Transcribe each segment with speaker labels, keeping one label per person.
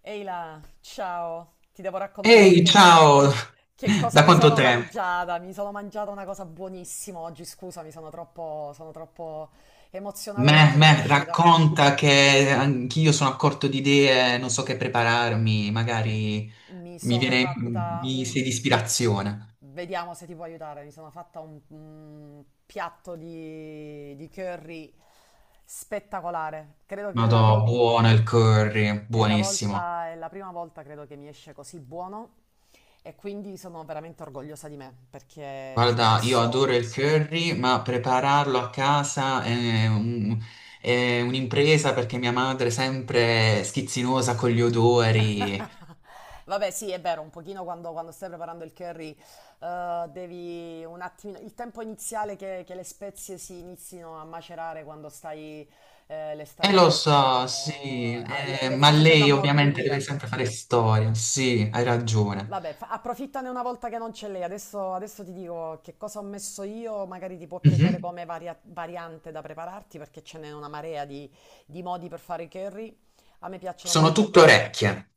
Speaker 1: Ehi là, ciao, ti devo raccontare
Speaker 2: Ehi,
Speaker 1: che,
Speaker 2: ciao!
Speaker 1: che cosa
Speaker 2: Da
Speaker 1: mi
Speaker 2: quanto
Speaker 1: sono
Speaker 2: tempo?
Speaker 1: mangiata. Mi sono mangiata una cosa buonissima oggi, scusami, sono troppo emozionata perché mi è uscita.
Speaker 2: Racconta che anch'io sono a corto di idee, non so che prepararmi, magari
Speaker 1: Mi
Speaker 2: mi
Speaker 1: sono
Speaker 2: viene,
Speaker 1: fatta
Speaker 2: mi
Speaker 1: un...
Speaker 2: sei di ispirazione.
Speaker 1: Vediamo se ti può aiutare, mi sono fatta un piatto di curry spettacolare. Credo che la vol-
Speaker 2: Madò, buono il curry,
Speaker 1: È la
Speaker 2: buonissimo.
Speaker 1: volta, è la prima volta credo che mi esce così buono e quindi sono veramente orgogliosa di me perché ci ho
Speaker 2: Guarda, io
Speaker 1: messo...
Speaker 2: adoro il curry, ma prepararlo a casa è un- è un'impresa perché mia madre è sempre schizzinosa con gli odori.
Speaker 1: Vabbè, sì, è vero, un pochino quando stai preparando il curry, devi un attimino, il tempo iniziale che le spezie si inizino a macerare quando stai, le
Speaker 2: E
Speaker 1: stai
Speaker 2: lo so,
Speaker 1: facendo,
Speaker 2: sì,
Speaker 1: a- le, le
Speaker 2: ma
Speaker 1: stai facendo
Speaker 2: lei ovviamente deve
Speaker 1: ammorbidire.
Speaker 2: sempre fare storia, sì, hai ragione.
Speaker 1: Vabbè, approfittane una volta che non c'è lei. Adesso ti dico che cosa ho messo io, magari ti può piacere
Speaker 2: Mhm.
Speaker 1: come variante da prepararti, perché ce n'è una marea di modi per fare i curry. A me piacciono
Speaker 2: Sono
Speaker 1: molto
Speaker 2: tutte
Speaker 1: quelli.
Speaker 2: orecchie.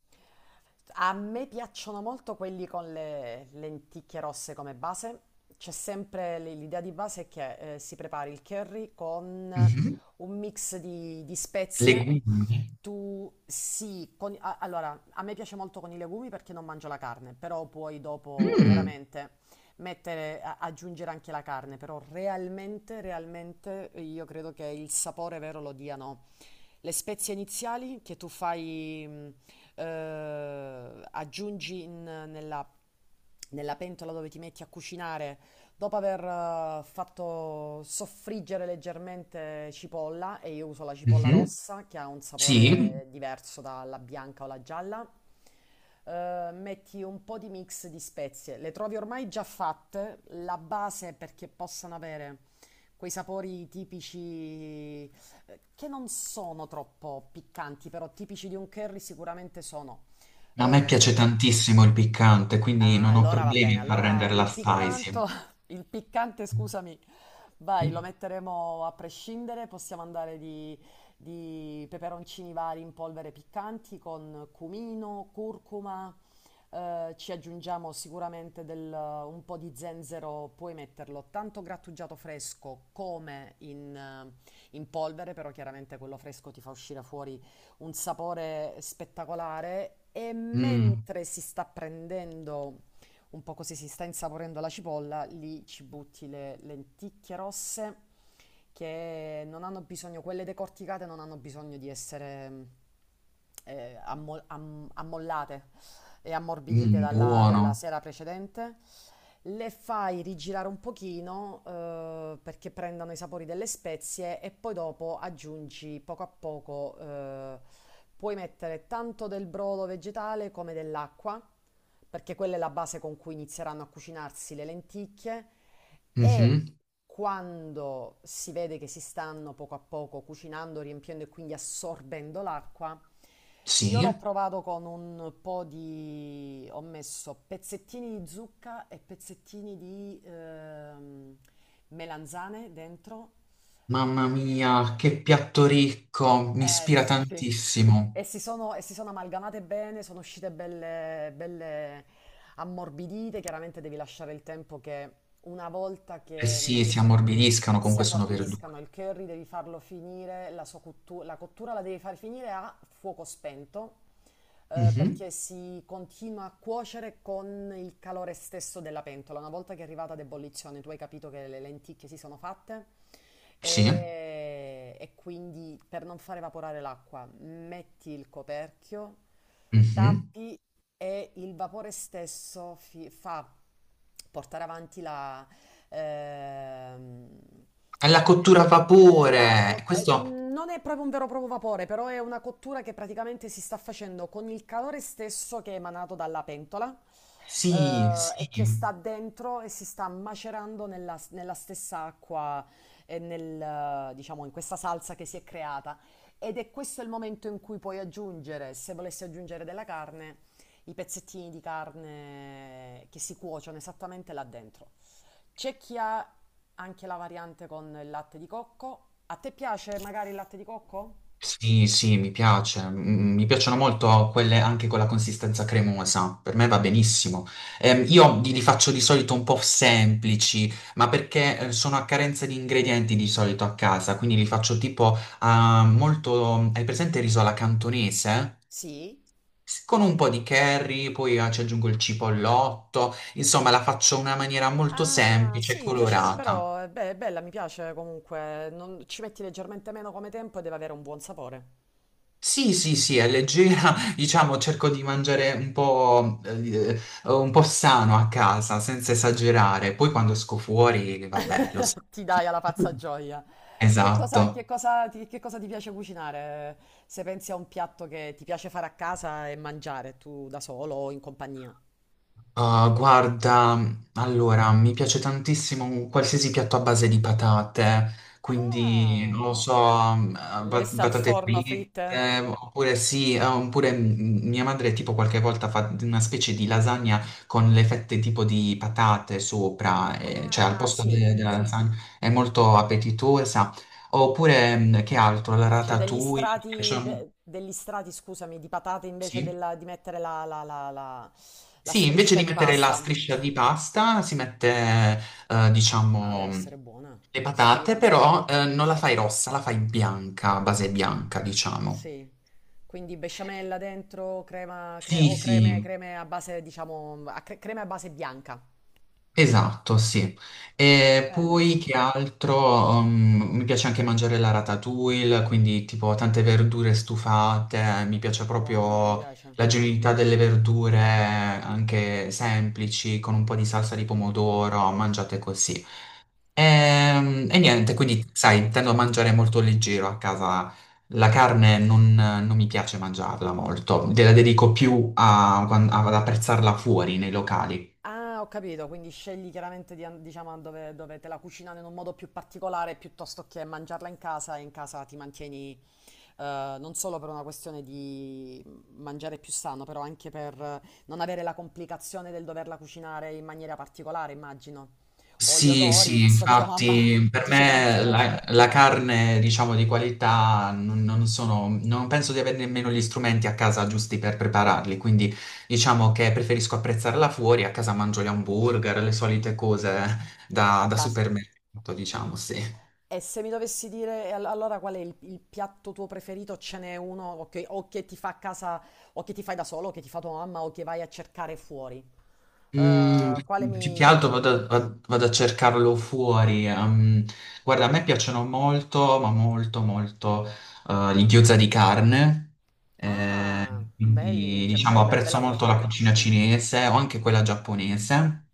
Speaker 1: A me piacciono molto quelli con le lenticchie rosse come base. C'è sempre l'idea di base che si prepari il curry con
Speaker 2: Mhm.
Speaker 1: un mix di spezie.
Speaker 2: Legumi.
Speaker 1: Tu sì, allora a me piace molto con i legumi perché non mangio la carne, però poi dopo
Speaker 2: Mm.
Speaker 1: chiaramente mettere, aggiungere anche la carne, però realmente io credo che il sapore vero lo diano le spezie iniziali che tu fai, aggiungi nella, nella pentola dove ti metti a cucinare, dopo aver fatto soffriggere leggermente cipolla, e io uso la cipolla
Speaker 2: Mhm.
Speaker 1: rossa che ha un
Speaker 2: Sì,
Speaker 1: sapore diverso dalla bianca o la gialla. Metti un po' di mix di spezie, le trovi ormai già fatte, la base perché possano avere quei sapori tipici, che non sono troppo piccanti, però tipici di un curry sicuramente sono.
Speaker 2: a
Speaker 1: Eh,
Speaker 2: me piace
Speaker 1: cu-
Speaker 2: tantissimo il piccante, quindi
Speaker 1: Ah,
Speaker 2: non ho
Speaker 1: allora va bene.
Speaker 2: problemi a far
Speaker 1: Allora
Speaker 2: renderla
Speaker 1: il
Speaker 2: spicy.
Speaker 1: piccanto, il piccante, scusami, vai, lo metteremo a prescindere. Possiamo andare di peperoncini vari in polvere piccanti con cumino, curcuma. Ci aggiungiamo sicuramente un po' di zenzero, puoi metterlo tanto grattugiato fresco come in, in polvere, però chiaramente quello fresco ti fa uscire fuori un sapore spettacolare e
Speaker 2: Mm.
Speaker 1: mentre si sta prendendo un po' così, si sta insaporendo la cipolla, lì ci butti le lenticchie rosse che non hanno bisogno, quelle decorticate non hanno bisogno di essere ammollate e ammorbidite
Speaker 2: Mm,
Speaker 1: dalla, dalla
Speaker 2: buono.
Speaker 1: sera precedente. Le fai rigirare un pochino perché prendano i sapori delle spezie e poi dopo aggiungi poco a poco, puoi mettere tanto del brodo vegetale come dell'acqua, perché quella è la base con cui inizieranno a cucinarsi le lenticchie e
Speaker 2: Mhm.
Speaker 1: quando si vede che si stanno poco a poco cucinando, riempiendo e quindi assorbendo l'acqua, io
Speaker 2: Sì,
Speaker 1: l'ho provato con un po' di... ho messo pezzettini di zucca e pezzettini di melanzane dentro.
Speaker 2: mamma mia,
Speaker 1: E...
Speaker 2: che piatto ricco, mi
Speaker 1: Eh
Speaker 2: ispira
Speaker 1: sì, e
Speaker 2: tantissimo.
Speaker 1: si sono amalgamate bene, sono uscite belle, belle ammorbidite, chiaramente devi lasciare il tempo che una volta
Speaker 2: Eh
Speaker 1: che
Speaker 2: sì, si ammorbidiscano,
Speaker 1: si
Speaker 2: comunque sono verdure.
Speaker 1: ammorbidiscano, il curry devi farlo finire, la sua la cottura la devi far finire a fuoco spento,
Speaker 2: Mhm.
Speaker 1: perché si continua a cuocere con il calore stesso della pentola. Una volta che è arrivata ad ebollizione, tu hai capito che le lenticchie si sono fatte.
Speaker 2: Sì.
Speaker 1: E quindi per non far evaporare l'acqua, metti il coperchio,
Speaker 2: Mhm.
Speaker 1: tappi e il vapore stesso fa portare avanti la, ehm,
Speaker 2: È la
Speaker 1: eh,
Speaker 2: cottura a vapore. Questo
Speaker 1: non è proprio un vero e proprio vapore, però è una cottura che praticamente si sta facendo con il calore stesso che è emanato dalla pentola.
Speaker 2: sì, sì,
Speaker 1: E che sta dentro e si sta macerando nella, nella stessa acqua e nel, diciamo, in questa salsa che si è creata. Ed è questo il momento in cui puoi aggiungere, se volessi aggiungere della carne, i pezzettini di carne che si cuociono esattamente là dentro. C'è chi ha anche la variante con il latte di cocco. A te piace magari il latte di cocco?
Speaker 2: sì, sì, mi piace. Mm, mi piacciono molto quelle anche con la consistenza cremosa. Per me va benissimo. Io li faccio di solito un po' semplici, ma perché sono a carenza di ingredienti di solito a casa, quindi li faccio tipo molto... Hai presente il riso alla cantonese?
Speaker 1: Sì?
Speaker 2: S- Con un po' di curry, poi ci aggiungo il cipollotto, insomma la faccio in una maniera molto
Speaker 1: Ah,
Speaker 2: semplice e
Speaker 1: sì, piace,
Speaker 2: colorata.
Speaker 1: però beh, è bella, mi piace comunque. Non- ci metti leggermente meno come tempo e deve avere un buon sapore.
Speaker 2: Sì, sì, sì, è leggera, diciamo, cerco di mangiare un po' sano a casa, senza esagerare. Poi quando esco fuori, vabbè, lo so.
Speaker 1: Ti dai alla pazza gioia. Che cosa, che
Speaker 2: Esatto.
Speaker 1: cosa ti, che cosa ti piace cucinare? Se pensi a un piatto che ti piace fare a casa e mangiare tu da solo o in compagnia?
Speaker 2: Ah, guarda, allora, mi piace tantissimo un qualsiasi piatto a base di patate, quindi,
Speaker 1: Ah.
Speaker 2: non lo so, mm, ba-
Speaker 1: Lessa al
Speaker 2: patate
Speaker 1: forno fritte?
Speaker 2: fritte, oppure sì, oppure mia madre tipo qualche volta fa una specie di lasagna con le fette tipo di patate sopra, cioè al
Speaker 1: Ah,
Speaker 2: posto
Speaker 1: sì.
Speaker 2: de- della lasagna, è molto appetitosa. Oppure, che altro, la
Speaker 1: C'è degli
Speaker 2: ratatouille, mi piace,
Speaker 1: strati,
Speaker 2: un-
Speaker 1: degli strati, scusami, di patate
Speaker 2: sì?
Speaker 1: di mettere la
Speaker 2: Sì, invece
Speaker 1: striscia
Speaker 2: di
Speaker 1: di
Speaker 2: mettere la
Speaker 1: pasta.
Speaker 2: striscia di pasta si mette,
Speaker 1: Ah, deve
Speaker 2: diciamo,
Speaker 1: essere buona.
Speaker 2: le patate,
Speaker 1: Ispira.
Speaker 2: però non la fai
Speaker 1: Certo.
Speaker 2: rossa, la fai bianca, a base bianca, diciamo.
Speaker 1: Sì. Quindi besciamella dentro, crema, cre-
Speaker 2: Sì,
Speaker 1: o creme,
Speaker 2: sì,
Speaker 1: creme a base, diciamo, a crema a base bianca.
Speaker 2: esatto, sì. E
Speaker 1: Bene.
Speaker 2: poi che altro? Mi piace anche mangiare la ratatouille, quindi tipo tante verdure stufate, mi piace
Speaker 1: Buona, mi
Speaker 2: proprio
Speaker 1: piace.
Speaker 2: la genuinità delle verdure, anche semplici, con un po' di salsa di pomodoro, mangiate così. E,
Speaker 1: E,
Speaker 2: niente, quindi sai, tendo a mangiare molto leggero a casa. La carne non, non mi piace mangiarla molto, la dedico più a- ad apprezzarla fuori nei locali.
Speaker 1: ah, ho capito, quindi scegli chiaramente di, diciamo, dove, dove te la cucinano in un modo più particolare piuttosto che mangiarla in casa e in casa ti mantieni non solo per una questione di mangiare più sano, però anche per non avere la complicazione del doverla cucinare in maniera particolare, immagino. O gli
Speaker 2: Sì,
Speaker 1: odori,
Speaker 2: sì,
Speaker 1: visto che tua mamma
Speaker 2: infatti per
Speaker 1: dice che non ti
Speaker 2: me
Speaker 1: piace.
Speaker 2: la, la carne, diciamo, di qualità non, non sono, non penso di avere nemmeno gli strumenti a casa giusti per prepararli, quindi diciamo che preferisco apprezzarla fuori, a casa mangio gli hamburger, le solite cose da,
Speaker 1: A
Speaker 2: da
Speaker 1: base.
Speaker 2: supermercato, diciamo, sì.
Speaker 1: E se mi dovessi dire allora qual è il piatto tuo preferito, ce n'è uno o che ti fa a casa, o che ti fai da solo, o che ti fa tua mamma, o che vai a cercare fuori?
Speaker 2: Mm,
Speaker 1: Quale
Speaker 2: più
Speaker 1: mi
Speaker 2: che altro
Speaker 1: identifica?
Speaker 2: vado, a vado a cercarlo fuori. Guarda, a me piacciono molto, ma molto, molto gli gyoza di carne. eh,
Speaker 1: Ah, belli,
Speaker 2: quindi,
Speaker 1: cioè,
Speaker 2: diciamo, apprezzo
Speaker 1: bella
Speaker 2: molto la
Speaker 1: cucina.
Speaker 2: cucina cinese o anche quella giapponese.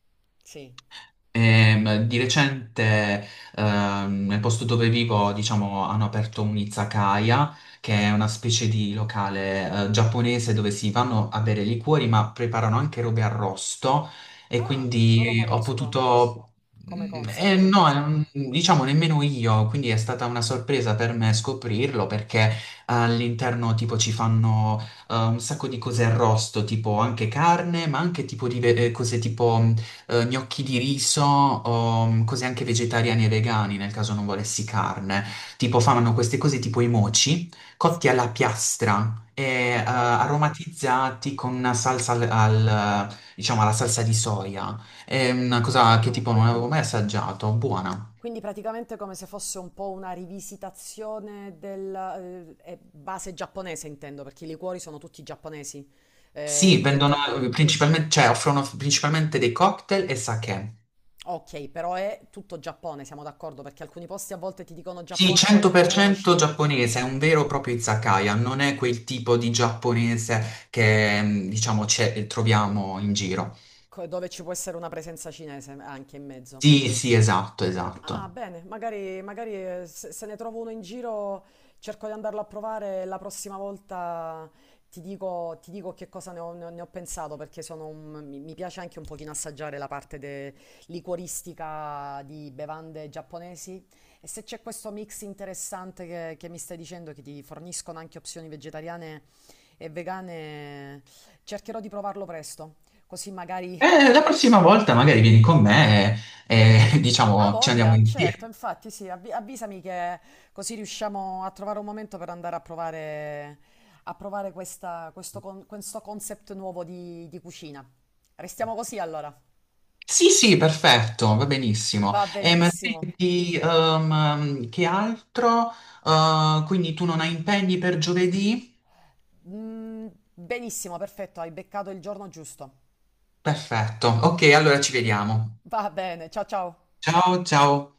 Speaker 1: Sì.
Speaker 2: Di recente, nel posto dove vivo, diciamo, hanno aperto un'izakaya, che è una specie di locale, giapponese dove si vanno a bere liquori, ma preparano anche robe arrosto. E
Speaker 1: Ah, non lo
Speaker 2: quindi ho
Speaker 1: conosco
Speaker 2: potuto.
Speaker 1: come concept.
Speaker 2: No, diciamo nemmeno io, quindi è stata una sorpresa per me scoprirlo perché all'interno tipo ci fanno un sacco di cose arrosto, tipo anche carne, ma anche tipo di ve- cose tipo gnocchi di riso o cose anche vegetariane e vegani nel caso non volessi carne. Tipo fanno queste cose tipo i moci, cotti
Speaker 1: Sì.
Speaker 2: alla piastra e
Speaker 1: Ah, wow,
Speaker 2: aromatizzati con una salsa al, al, diciamo alla salsa di soia. È una cosa che tipo
Speaker 1: buono.
Speaker 2: non avevo mai assaggiato, buona.
Speaker 1: Quindi praticamente come se fosse un po' una rivisitazione del base giapponese, intendo, perché i liquori sono tutti giapponesi.
Speaker 2: Sì, vendono
Speaker 1: Tutto.
Speaker 2: principalmente, cioè offrono principalmente dei cocktail e sake.
Speaker 1: Ok, però è tutto Giappone, siamo d'accordo, perché alcuni posti a volte ti dicono
Speaker 2: Sì,
Speaker 1: Giappone, poi includono
Speaker 2: 100%
Speaker 1: Cina,
Speaker 2: giapponese, è un vero e proprio izakaya, non è quel tipo di giapponese che, mm, diciamo, c'è- troviamo in giro.
Speaker 1: dove ci può essere una presenza cinese anche in mezzo.
Speaker 2: Sì, sì, esatto,
Speaker 1: Ah,
Speaker 2: esatto.
Speaker 1: bene, se ne trovo uno in giro cerco di andarlo a provare e la prossima volta ti dico che cosa ne ho pensato perché sono mi piace anche un pochino assaggiare la parte liquoristica di bevande giapponesi e se c'è questo mix interessante che mi stai dicendo che ti forniscono anche opzioni vegetariane e vegane, cercherò di provarlo presto, così magari.
Speaker 2: La prossima volta magari vieni con me e,
Speaker 1: Ha
Speaker 2: diciamo, ci andiamo
Speaker 1: voglia, certo,
Speaker 2: insieme.
Speaker 1: infatti sì, avvisami che così riusciamo a trovare un momento per andare a provare questo concept nuovo di cucina. Restiamo così allora.
Speaker 2: Sì, sì, perfetto, va benissimo.
Speaker 1: Va
Speaker 2: E ma
Speaker 1: benissimo.
Speaker 2: ti, che altro? Quindi tu non hai impegni per giovedì?
Speaker 1: Mm, benissimo, perfetto, hai beccato il giorno giusto.
Speaker 2: Perfetto. Ok, allora ci vediamo.
Speaker 1: Va bene, ciao ciao.
Speaker 2: Ciao, ciao.